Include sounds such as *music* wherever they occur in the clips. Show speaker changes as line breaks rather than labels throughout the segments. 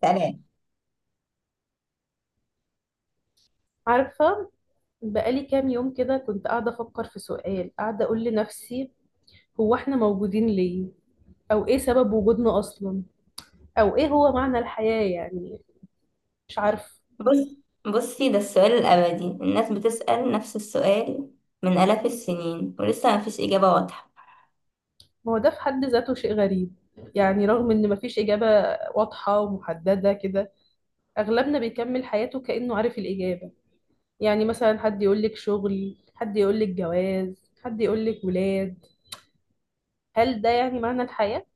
تمام.
عارفة، بقالي كام يوم كده كنت قاعدة أفكر في سؤال، قاعدة أقول لنفسي: هو إحنا موجودين ليه؟ أو إيه سبب وجودنا أصلا؟ أو إيه هو معنى الحياة يعني؟ مش عارفة.
بص بصي، ده السؤال الأبدي، الناس بتسأل نفس السؤال من آلاف السنين ولسه مفيش إجابة واضحة.
ما هو ده في حد ذاته شيء غريب، يعني رغم إن مفيش إجابة واضحة ومحددة كده، أغلبنا بيكمل حياته كأنه عارف الإجابة. يعني مثلا حد يقولك شغل، حد يقولك جواز، حد يقولك ولاد. هل ده يعني معنى الحياة؟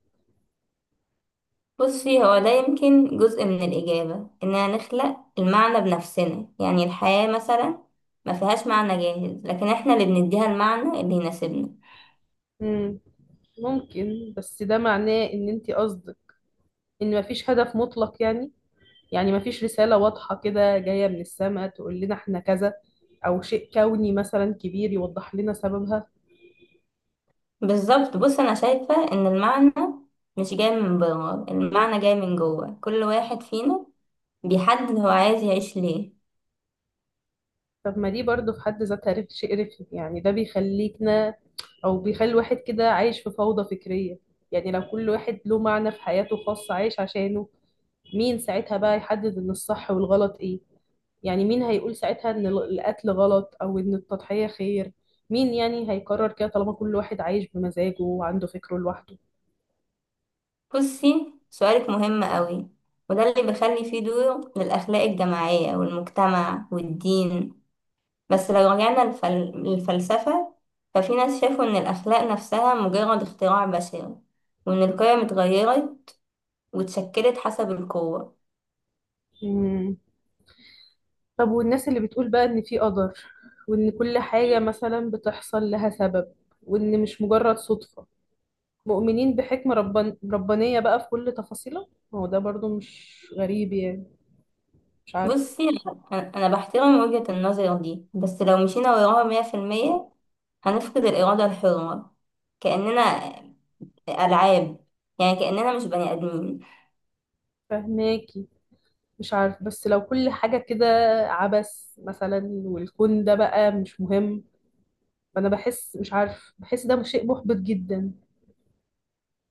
بصي، هو ده يمكن جزء من الإجابة، إننا نخلق المعنى بنفسنا. يعني الحياة مثلا ما فيهاش معنى جاهز، لكن إحنا اللي بنديها المعنى اللي يناسبنا.
مم. ممكن، بس ده معناه إن أنت قصدك ان مفيش هدف مطلق يعني، يعني مفيش رسالة واضحة كده جاية من السماء تقول لنا احنا كذا، او شيء كوني مثلا كبير يوضح لنا سببها.
بالظبط. بص، أنا شايفة إن المعنى مش جاي من بره، المعنى جاي من جوه كل واحد فينا، بيحدد هو عايز يعيش ليه.
طب ما دي برضو في حد ذاتها شيء رخم يعني، ده بيخليكنا او بيخلي الواحد كده عايش في فوضى فكرية. يعني لو كل واحد له معنى في حياته خاص عايش عشانه، مين ساعتها بقى يحدد ان الصح والغلط ايه؟ يعني مين هيقول ساعتها ان القتل غلط او ان التضحية خير؟ مين يعني هيقرر كده طالما كل واحد عايش بمزاجه وعنده فكره لوحده؟
بصي، سؤالك مهم قوي، وده اللي بيخلي فيه دور للأخلاق الجماعية والمجتمع والدين. بس لو رجعنا للفلسفة، ففي ناس شافوا إن الأخلاق نفسها مجرد اختراع بشري، وإن القيم اتغيرت واتشكلت حسب القوة.
مم. طب والناس اللي بتقول بقى ان في قدر، وان كل حاجة مثلا بتحصل لها سبب، وان مش مجرد صدفة، مؤمنين بحكمة ربانية بقى في كل تفاصيلها، ما هو ده برضو مش غريب يعني؟ مش عارفه.
بصي، أنا بحترم وجهة النظر دي، بس لو مشينا وراها مية في المية هنفقد الإرادة الحرة. كأننا ألعاب، يعني كأننا مش بني آدمين.
فهماكي. مش عارف، بس لو كل حاجة كده عبث مثلا والكون ده بقى مش مهم، فأنا بحس، مش عارف، بحس ده شيء محبط جدا.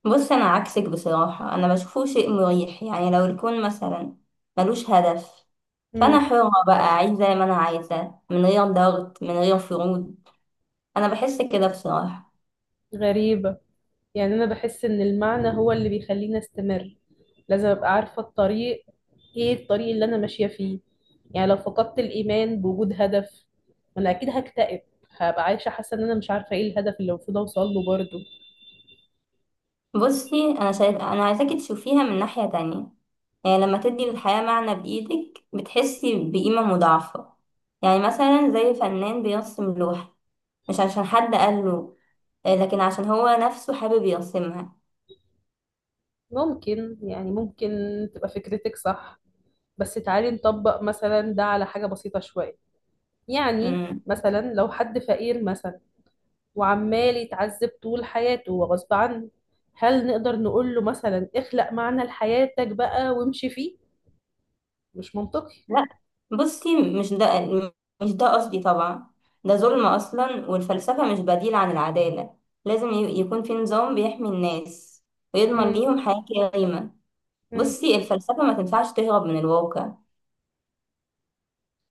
بص، انا عكسك بصراحة، انا بشوفه شيء مريح. يعني لو الكون مثلا ملوش هدف، فانا
مم.
حرة بقى اعيش زي ما انا عايزة، من غير ضغط، من غير فروض. انا بحس كده بصراحة.
غريبة. يعني أنا بحس إن المعنى هو اللي بيخليني أستمر، لازم أبقى عارفة الطريق، إيه الطريق اللي أنا ماشية فيه. يعني لو فقدت الإيمان بوجود هدف، ما أنا أكيد هكتئب، هبقى عايشة حاسة إن أنا مش عارفة إيه الهدف اللي المفروض أوصل له برضه.
بصي، انا شايف انا عايزاكي تشوفيها من ناحية تانية. يعني لما تدي للحياة معنى بايدك بتحسي بقيمة مضاعفة. يعني مثلا زي فنان بيرسم لوحة، مش عشان حد قال له، لكن عشان هو نفسه حابب يرسمها.
ممكن يعني، ممكن تبقى فكرتك صح، بس تعالي نطبق مثلا ده على حاجة بسيطة شوية. يعني مثلا لو حد فقير مثلا، وعمال يتعذب طول حياته وغصب عنه، هل نقدر نقول له مثلا اخلق معنى لحياتك بقى وامشي فيه؟ مش منطقي.
لا، بصي، مش ده قصدي طبعا. ده ظلم أصلا، والفلسفة مش بديل عن العدالة. لازم يكون في نظام بيحمي الناس ويضمن
مم.
ليهم حياة كريمة.
مم.
بصي، الفلسفة ما تنفعش تهرب من الواقع.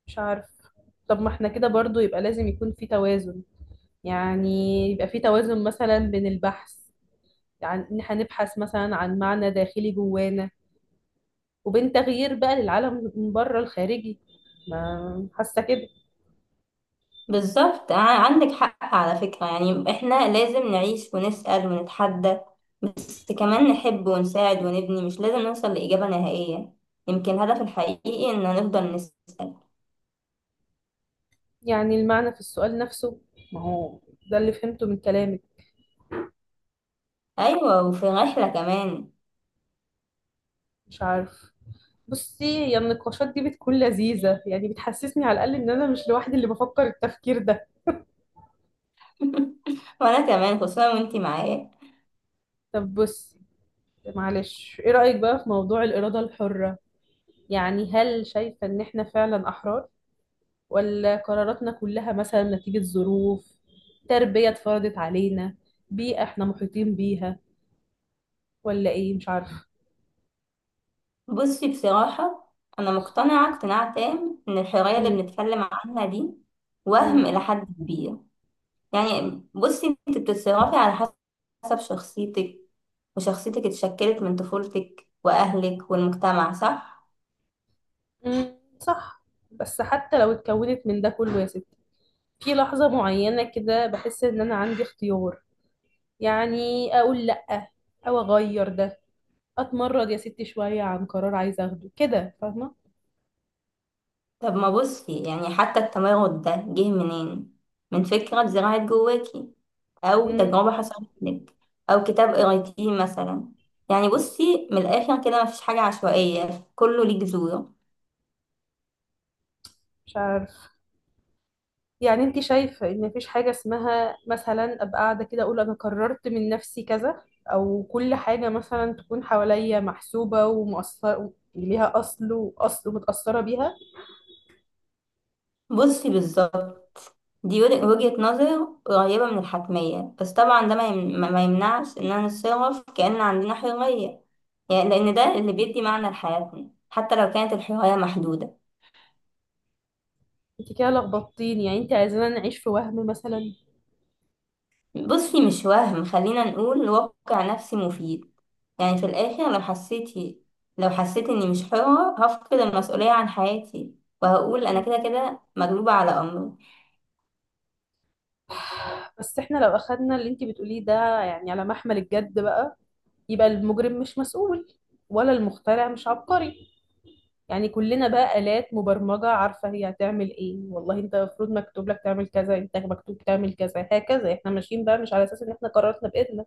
مش عارف. طب ما احنا كده برضو يبقى لازم يكون في توازن، يعني يبقى في توازن مثلا بين البحث، يعني ان احنا نبحث مثلا عن معنى داخلي جوانا، وبين تغيير بقى للعالم من بره الخارجي. ما حاسة كده.
بالظبط، عندك حق على فكرة. يعني احنا لازم نعيش ونسأل ونتحدى، بس كمان نحب ونساعد ونبني. مش لازم نوصل لإجابة نهائية، يمكن الهدف الحقيقي إن نفضل نسأل.
يعني المعنى في السؤال نفسه، ما هو ده اللي فهمته من كلامك.
أيوة، وفي رحلة كمان.
مش عارف. بصي، هي النقاشات دي بتكون لذيذة، يعني بتحسسني على الأقل إن أنا مش لوحدي اللي بفكر التفكير ده.
*laughs* وانا كمان، خصوصا وانتي معايا.
طب بصي، معلش، إيه رأيك بقى في موضوع الإرادة الحرة؟ يعني هل شايفة إن إحنا فعلا أحرار، ولا قراراتنا كلها مثلا نتيجة ظروف، تربية اتفرضت علينا، بيئة إحنا محيطين بيها، ولا إيه؟ مش عارفة.
بصي، بصراحة انا مقتنعة اقتناع تام ان الحرية اللي
مم.
بنتكلم عنها دي
مم.
وهم الى حد كبير. يعني بصي، انت بتتصرفي على حسب شخصيتك، وشخصيتك اتشكلت من طفولتك واهلك والمجتمع، صح؟
مم. صح. بس حتى لو اتكونت من ده كله يا ستي، في لحظة معينة كده بحس ان انا عندي اختيار، يعني اقول لأ، او اغير ده، اتمرد يا ستي شوية عن قرار عايزة اخده كده، فاهمة؟
طب ما بصي، يعني حتى التمرد ده جه منين؟ من فكرة اتزرعت جواكي، أو
مم،
تجربة حصلت لك، أو كتاب قريتيه مثلا. يعني بصي، من الآخر كده مفيش حاجة عشوائية، كله ليه جذور.
مش عارف. يعني انت شايفة ان مفيش حاجة اسمها مثلا ابقى قاعدة كده اقول انا قررت من نفسي كذا؟ او كل حاجة مثلا تكون حواليا محسوبة ومؤثرة، ليها اصل واصل ومتأثرة بيها؟
بصي بالظبط، دي وجهة نظر قريبة من الحتمية، بس طبعا ده ما يمنعش إننا نتصرف كأن عندنا حرية. يعني لأن ده اللي بيدي معنى لحياتنا، حتى لو كانت الحرية محدودة.
انت كده لخبطتيني، يعني انت عايزانا نعيش في وهم مثلا؟
بصي، مش وهم، خلينا نقول واقع نفسي مفيد. يعني في الآخر، لو حسيت إني مش حرة هفقد المسؤولية عن حياتي، وهقول أنا كده كده مغلوبة على أمري.
بس احنا لو اخدنا اللي انتي بتقوليه ده يعني على محمل الجد بقى، يبقى المجرم مش مسؤول، ولا المخترع مش عبقري. يعني كلنا بقى آلات مبرمجة عارفة هي هتعمل ايه، والله انت المفروض مكتوب لك تعمل كذا، انت مكتوب تعمل كذا، هكذا احنا ماشيين بقى مش على اساس ان احنا قررنا بإيدنا.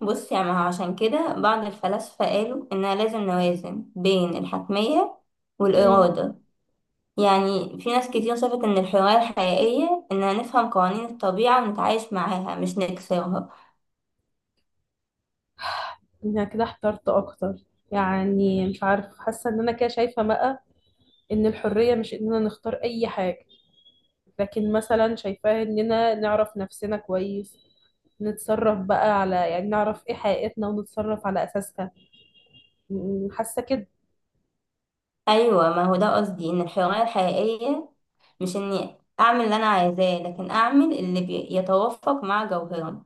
بصي، يعني عشان كده بعض الفلاسفة قالوا إننا لازم نوازن بين الحتمية
امم.
والإرادة. يعني في ناس كتير شافت إن الحرية الحقيقية إننا نفهم قوانين الطبيعة ونتعايش معاها، مش نكسرها.
انا كده احترت اكتر، يعني مش عارف. حاسة ان انا كده شايفة بقى ان الحرية مش اننا نختار اي حاجة، لكن مثلا شايفاها اننا نعرف نفسنا كويس، نتصرف بقى على، يعني نعرف ايه حقيقتنا ونتصرف على اساسها. حاسه كده.
أيوة، ما هو ده قصدي. إن الحرية الحقيقية مش اني اعمل اللي انا عايزاه، لكن اعمل اللي يتوافق مع جوهرنا.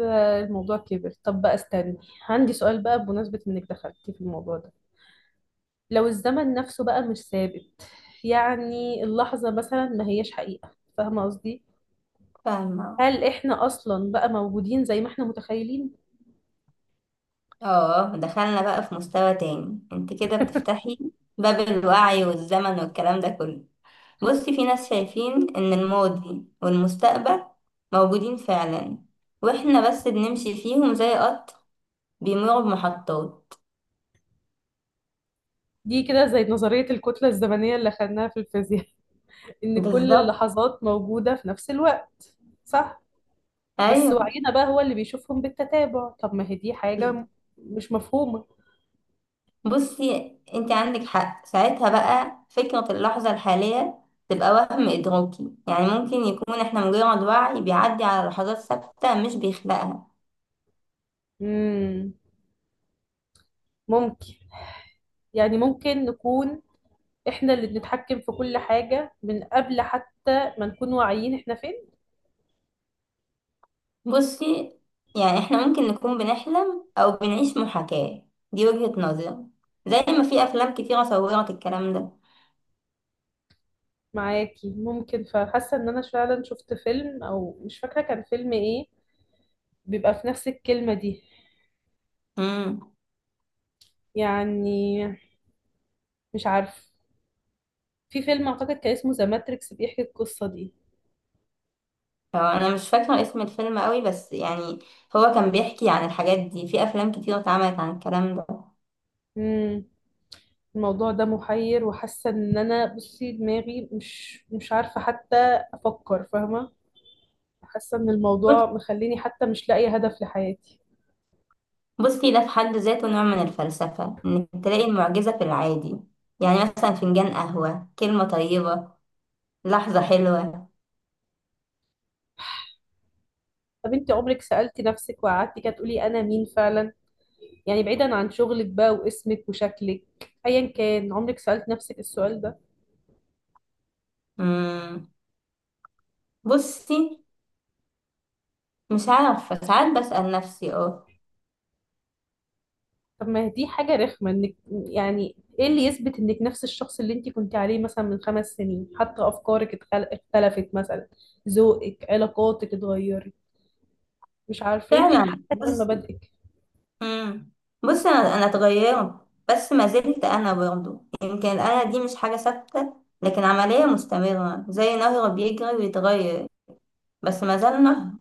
آه، الموضوع كبر. طب بقى استني، عندي سؤال بقى بمناسبه انك دخلتي في الموضوع ده. لو الزمن نفسه بقى مش ثابت، يعني اللحظه مثلا ما هياش حقيقه، فاهمه قصدي؟
فاهمة.
هل احنا اصلا بقى موجودين زي ما احنا متخيلين؟
اه، دخلنا بقى في مستوى تاني. انت كده بتفتحي باب الوعي والزمن والكلام ده كله. بصي، في ناس شايفين ان الماضي والمستقبل موجودين فعلا، واحنا بس بنمشي فيهم زي قطر بيمر بمحطات.
دي كده زي نظريه الكتله الزمنيه اللي خدناها في الفيزياء *laughs* ان كل
بالظبط.
اللحظات موجوده في نفس الوقت. صح. بس
ايوه.
وعينا بقى هو اللي بيشوفهم بالتتابع. طب ما هي دي حاجة مش مفهومة.
بصي، انت عندك حق. ساعتها بقى فكرة اللحظة الحالية تبقى وهم إدراكي. يعني ممكن يكون احنا مجرد وعي بيعدي على لحظات ثابتة، مش بيخلقها.
مم. ممكن. يعني ممكن نكون احنا اللي بنتحكم في كل حاجة من قبل حتى ما نكون واعيين احنا فين.
بصي، يعني احنا ممكن نكون بنحلم أو بنعيش محاكاة. دي وجهة نظري، زي ما في أفلام كتيرة صورت الكلام ده.
معاكي، ممكن. فحاسة ان انا فعلا شفت فيلم، او مش فاكرة كان فيلم ايه، بيبقى في نفس الكلمة دي.
امم
يعني مش عارف، في فيلم اعتقد كان اسمه ذا ماتريكس بيحكي القصة دي.
هو أنا مش فاكرة اسم الفيلم قوي، بس يعني هو كان بيحكي عن الحاجات دي. في أفلام كتيرة اتعملت عن الكلام
مم. الموضوع ده محير، وحاسه ان انا، بصي، دماغي مش عارفه حتى افكر، فاهمه؟ حاسه ان الموضوع
ده.
مخليني حتى مش لاقيه هدف لحياتي.
بصي، ده في حد ذاته نوع من الفلسفة، إنك تلاقي المعجزة في العادي. يعني مثلا فنجان قهوة، كلمة طيبة، لحظة حلوة.
طب انت عمرك سالتي نفسك وقعدتي كده تقولي انا مين فعلا؟ يعني بعيدا عن شغلك بقى واسمك وشكلك، ايا كان، عمرك سالت نفسك السؤال ده؟
مم. بصي، مش عارفة، ساعات بسأل نفسي، اه.
طب ما دي حاجه رخمه، انك، يعني ايه اللي يثبت انك نفس الشخص اللي انت كنت عليه مثلا من 5 سنين؟ حتى افكارك اختلفت مثلا، ذوقك، علاقاتك اتغيرت، مش عارفة، يمكن
فعلا.
حتى كمان
بص.
مبادئك.
مم. بصي، أنا اتغيرت، بس ما زلت أنا برضه. يمكن أنا دي مش حاجة ثابتة، لكن عملية مستمرة زي نهر بيجري ويتغير، بس ما زال نهر.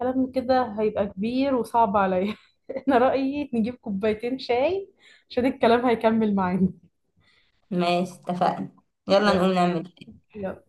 كلام كده هيبقى كبير وصعب عليا *laughs* أنا رأيي نجيب كوبايتين شاي عشان الكلام هيكمل معانا.
ماشي، اتفقنا. يلا
يلا.
نقوم، نعمل إيه؟
يلا.